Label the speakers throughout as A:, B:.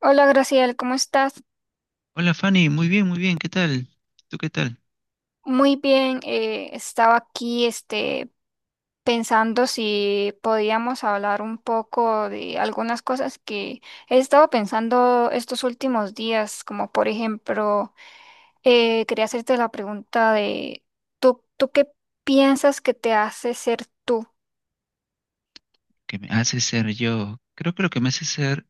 A: Hola Graciela, ¿cómo estás?
B: Hola Fanny, muy bien, ¿qué tal? ¿Tú qué tal?
A: Muy bien, estaba aquí pensando si podíamos hablar un poco de algunas cosas que he estado pensando estos últimos días, como por ejemplo, quería hacerte la pregunta de, ¿tú qué piensas que te hace ser tú?
B: ¿Qué me hace ser yo? Creo que lo que me hace ser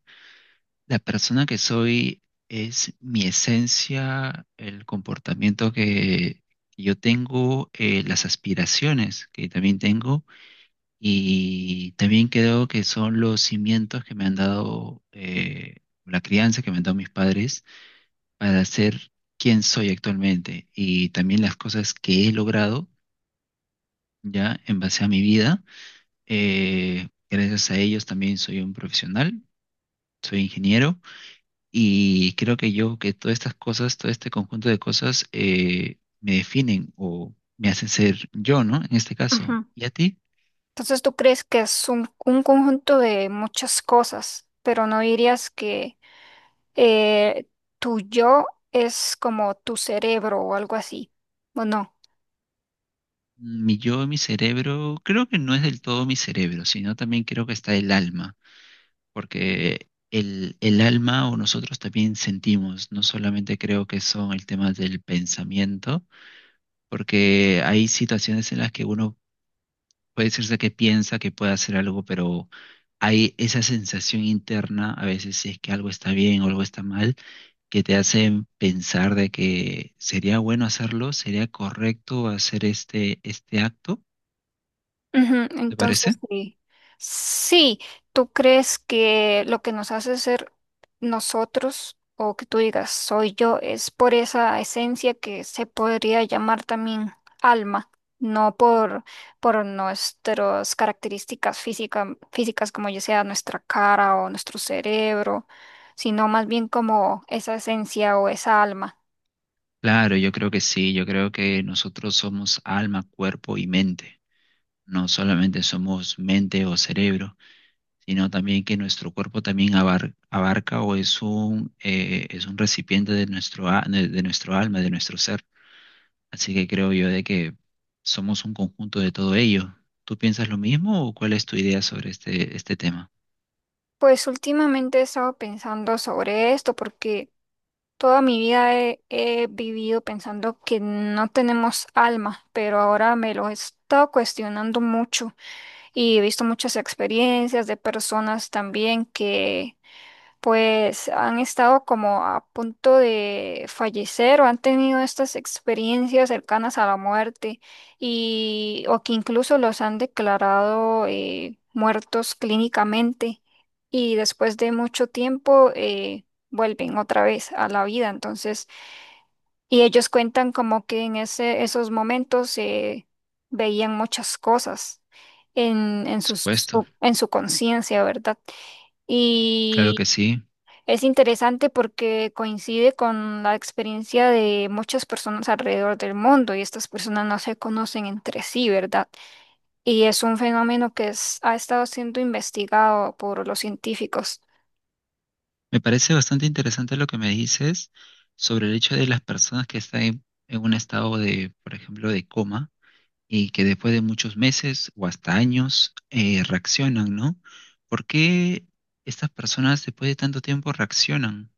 B: la persona que soy es mi esencia, el comportamiento que yo tengo, las aspiraciones que también tengo y también creo que son los cimientos que me han dado, la crianza que me han dado mis padres para ser quien soy actualmente y también las cosas que he logrado ya en base a mi vida. Gracias a ellos también soy un profesional, soy ingeniero y creo que yo, que todas estas cosas, todo este conjunto de cosas me definen o me hacen ser yo, ¿no? En este caso.
A: Ujú.
B: ¿Y a ti?
A: Entonces tú crees que es un conjunto de muchas cosas, pero no dirías que eh, tu yo es como tu cerebro o algo así, ¿o no?
B: Mi yo, mi cerebro, creo que no es del todo mi cerebro, sino también creo que está el alma, porque el alma o nosotros también sentimos, no solamente creo que son el tema del pensamiento, porque hay situaciones en las que uno puede decirse que piensa que puede hacer algo, pero hay esa sensación interna, a veces si es que algo está bien o algo está mal, que te hace pensar de que sería bueno hacerlo, sería correcto hacer este acto,
A: Ujú.
B: ¿te
A: Entonces,
B: parece?
A: sí, sí, tú crees que lo que nos hace ser nosotros o que tú digas soy yo es por esa esencia que se podría llamar también alma, no por nuestras características físicas, como ya sea nuestra cara o nuestro cerebro, sino más bien como esa esencia o esa alma.
B: Claro, yo creo que sí, yo creo que nosotros somos alma, cuerpo y mente. No solamente somos mente o cerebro, sino también que nuestro cuerpo también abarca o es un recipiente de nuestro, de nuestro alma, de nuestro ser. Así que creo yo de que somos un conjunto de todo ello. ¿Tú piensas lo mismo o cuál es tu idea sobre este tema?
A: Pues últimamente he estado pensando sobre esto porque toda mi vida he vivido pensando que no tenemos alma, pero ahora me lo he estado cuestionando mucho y he visto muchas experiencias de personas también que pues han estado como a punto de fallecer o han tenido estas experiencias cercanas a la muerte, y o que incluso los han declarado muertos clínicamente y después de mucho tiempo vuelven otra vez a la vida. Entonces, y ellos cuentan como que en esos momentos veían muchas cosas
B: Por supuesto,
A: en su conciencia, ¿verdad?
B: claro que
A: Y
B: sí.
A: es interesante porque coincide con la experiencia de muchas personas alrededor del mundo, y estas personas no se conocen entre sí, ¿verdad? Y es un fenómeno que ha estado siendo investigado por los científicos.
B: Me parece bastante interesante lo que me dices sobre el hecho de las personas que están en un estado de, por ejemplo, de coma, y que después de muchos meses o hasta años reaccionan, ¿no? ¿Por qué estas personas después de tanto tiempo reaccionan?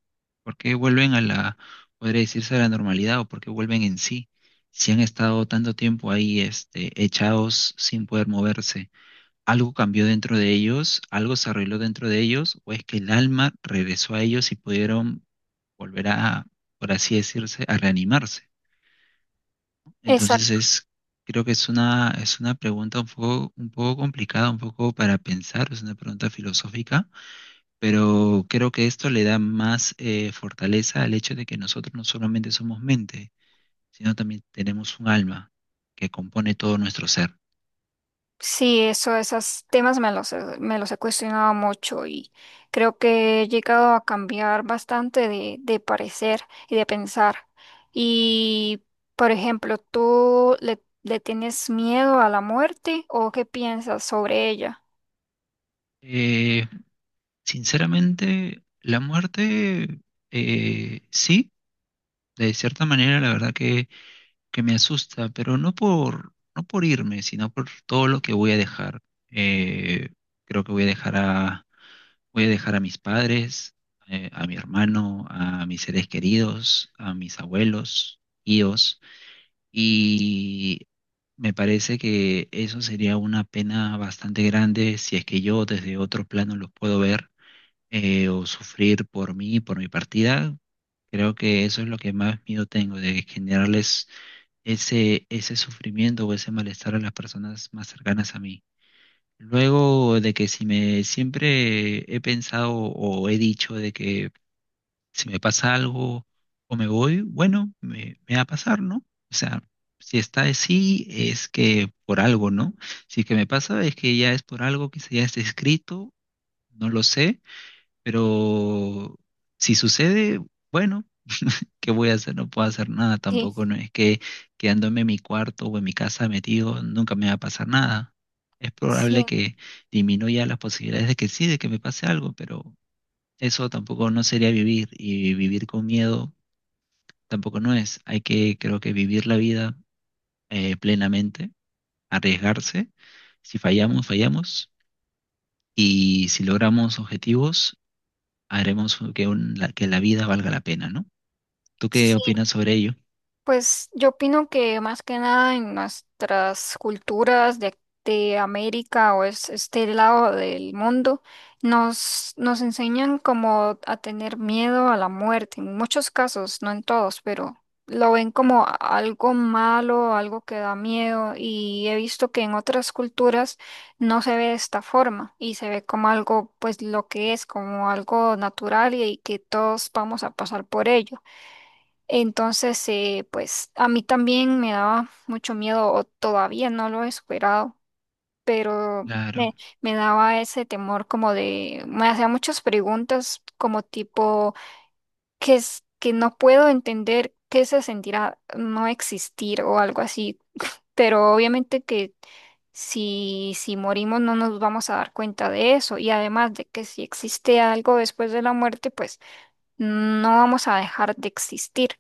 B: ¿Por qué vuelven a la, podría decirse, a la normalidad o por qué vuelven en sí? Si han estado tanto tiempo ahí, echados sin poder moverse, ¿algo cambió dentro de ellos? ¿Algo se arregló dentro de ellos? ¿O es que el alma regresó a ellos y pudieron volver a, por así decirse, a reanimarse?
A: Es
B: Entonces creo que es una pregunta un poco complicada, un poco para pensar, es una pregunta filosófica, pero creo que esto le da más fortaleza al hecho de que nosotros no solamente somos mente, sino también tenemos un alma que compone todo nuestro ser.
A: Sí, esos temas me me los he cuestionado mucho, y creo que he llegado a cambiar bastante de parecer y de pensar. Y, por ejemplo, ¿tú le tienes miedo a la muerte o qué piensas sobre ella?
B: Eh, sinceramente, la muerte, sí, de cierta manera, la verdad que me asusta, pero no por irme, sino por todo lo que voy a dejar. Eh, creo que voy a dejar a mis padres, a mi hermano, a mis seres queridos, a mis abuelos, tíos, y me parece que eso sería una pena bastante grande si es que yo desde otro plano los puedo ver o sufrir por mí, por mi partida. Creo que eso es lo que más miedo tengo, de generarles ese sufrimiento o ese malestar a las personas más cercanas a mí. Luego de que si me siempre he pensado o he dicho de que si me pasa algo o me voy, bueno, me va a pasar, ¿no? O sea, si está así es que por algo, ¿no? Si es que me pasa es que ya es por algo, que ya está escrito, no lo sé, pero si sucede, bueno. ¿Qué voy a hacer? No puedo hacer nada
A: Sí,
B: tampoco. No es que quedándome en mi cuarto o en mi casa metido nunca me va a pasar nada. Es probable
A: sí.
B: que disminuya las posibilidades de que sí, de que me pase algo, pero eso tampoco no sería vivir. Y vivir con miedo tampoco no es. Hay que, creo que vivir la vida plenamente, arriesgarse. Si fallamos, fallamos. Y si logramos objetivos, haremos que, que la vida valga la pena, ¿no? ¿Tú qué opinas sobre ello?
A: Pues yo opino que más que nada en nuestras culturas de América o es, este lado del mundo nos enseñan como a tener miedo a la muerte, en muchos casos, no en todos, pero lo ven como algo malo, algo que da miedo, y he visto que en otras culturas no se ve de esta forma y se ve como algo, pues lo que es, como algo natural y que todos vamos a pasar por ello. Entonces, pues a mí también me daba mucho miedo, o todavía no lo he superado, pero
B: Claro.
A: me, me daba ese temor como de, me hacía muchas preguntas como tipo, ¿qué es que no puedo entender qué se sentirá no existir o algo así? Pero obviamente que si morimos no nos vamos a dar cuenta de eso, y además de que si existe algo después de la muerte, pues no vamos a dejar de existir.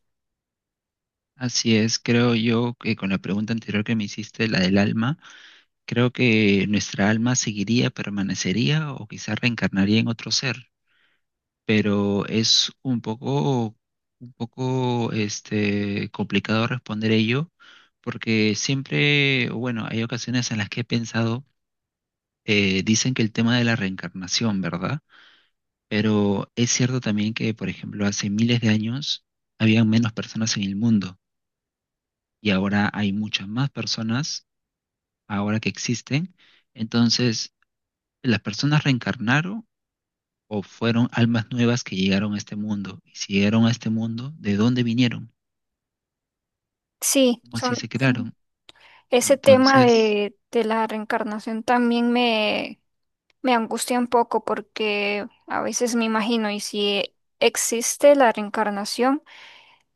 B: Así es, creo yo que con la pregunta anterior que me hiciste, la del alma, creo que nuestra alma seguiría, permanecería o quizás reencarnaría en otro ser, pero es un poco complicado responder ello, porque siempre, o bueno, hay ocasiones en las que he pensado, dicen que el tema de la reencarnación, ¿verdad? Pero es cierto también que, por ejemplo, hace miles de años habían menos personas en el mundo y ahora hay muchas más personas ahora que existen. Entonces, las personas reencarnaron o fueron almas nuevas que llegaron a este mundo. Y si llegaron a este mundo, ¿de dónde vinieron?
A: Sí,
B: ¿Cómo así se
A: son...
B: crearon?
A: Ese tema
B: Entonces,
A: de la reencarnación también me angustia un poco, porque a veces me imagino, ¿y si existe la reencarnación?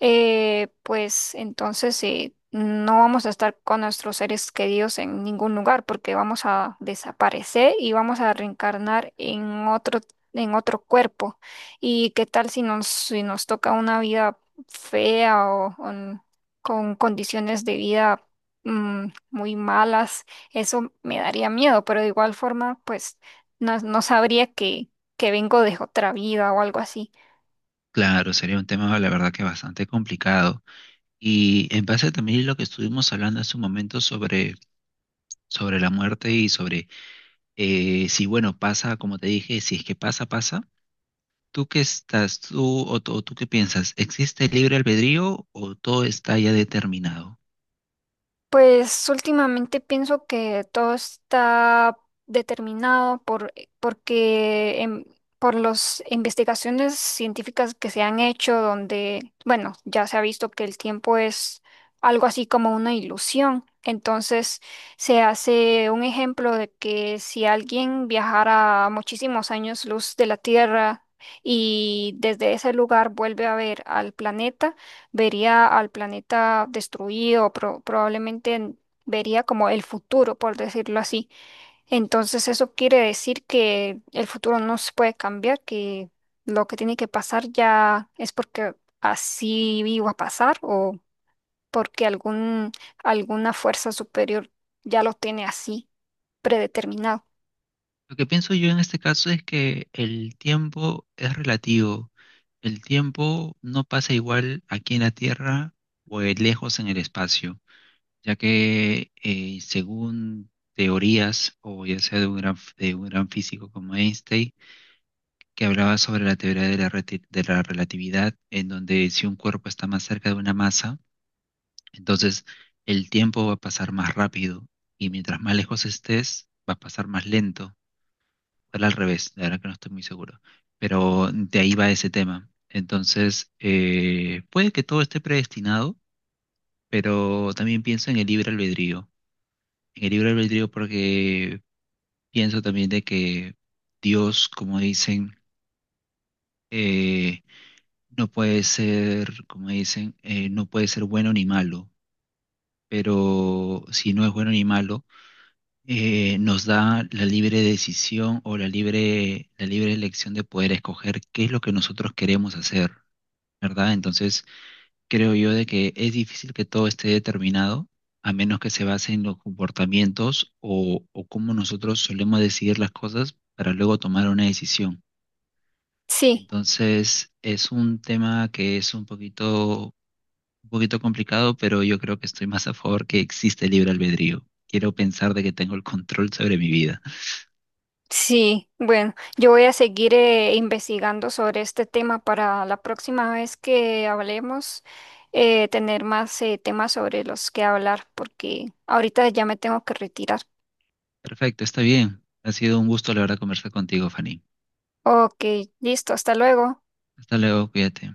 A: Pues entonces no vamos a estar con nuestros seres queridos en ningún lugar porque vamos a desaparecer y vamos a reencarnar en en otro cuerpo. ¿Y qué tal si si nos toca una vida fea o con condiciones de vida muy malas? Eso me daría miedo, pero de igual forma, pues no, no sabría que vengo de otra vida o algo así.
B: claro, sería un tema, la verdad, que bastante complicado. Y en base también a lo que estuvimos hablando hace un momento sobre la muerte y sobre si, bueno, pasa, como te dije, si es que pasa, pasa. ¿Tú qué estás, tú o, tú o Tú qué piensas? ¿Existe el libre albedrío o todo está ya determinado?
A: Pues últimamente pienso que todo está determinado porque por las investigaciones científicas que se han hecho, donde, bueno, ya se ha visto que el tiempo es algo así como una ilusión. Entonces se hace un ejemplo de que si alguien viajara muchísimos años luz de la Tierra y desde ese lugar vuelve a ver al planeta, vería al planeta destruido, probablemente vería como el futuro, por decirlo así. Entonces eso quiere decir que el futuro no se puede cambiar, que lo que tiene que pasar ya es porque así iba a pasar, o porque alguna fuerza superior ya lo tiene así, predeterminado.
B: Lo que pienso yo en este caso es que el tiempo es relativo. El tiempo no pasa igual aquí en la Tierra o lejos en el espacio, ya que según teorías, o ya sea de un gran físico como Einstein, que hablaba sobre la teoría de la relatividad, en donde si un cuerpo está más cerca de una masa, entonces el tiempo va a pasar más rápido y mientras más lejos estés, va a pasar más lento. Era al revés, la verdad que no estoy muy seguro. Pero de ahí va ese tema. Entonces, puede que todo esté predestinado, pero también pienso en el libre albedrío. En el libre albedrío porque pienso también de que Dios, como dicen, eh, no puede ser, como dicen, no puede ser bueno ni malo. Pero si no es bueno ni malo, nos da la libre decisión o la libre elección de poder escoger qué es lo que nosotros queremos hacer, ¿verdad? Entonces, creo yo de que es difícil que todo esté determinado, a menos que se base en los comportamientos o cómo nosotros solemos decidir las cosas para luego tomar una decisión.
A: Sí.
B: Entonces, es un tema que es un poquito complicado, pero yo creo que estoy más a favor que existe el libre albedrío. Quiero pensar de que tengo el control sobre mi vida.
A: Sí, bueno, yo voy a seguir investigando sobre este tema para la próxima vez que hablemos, tener más temas sobre los que hablar, porque ahorita ya me tengo que retirar.
B: Perfecto, está bien. Ha sido un gusto, la verdad, conversar contigo, Fanny.
A: Ok, listo, hasta luego.
B: Hasta luego, cuídate.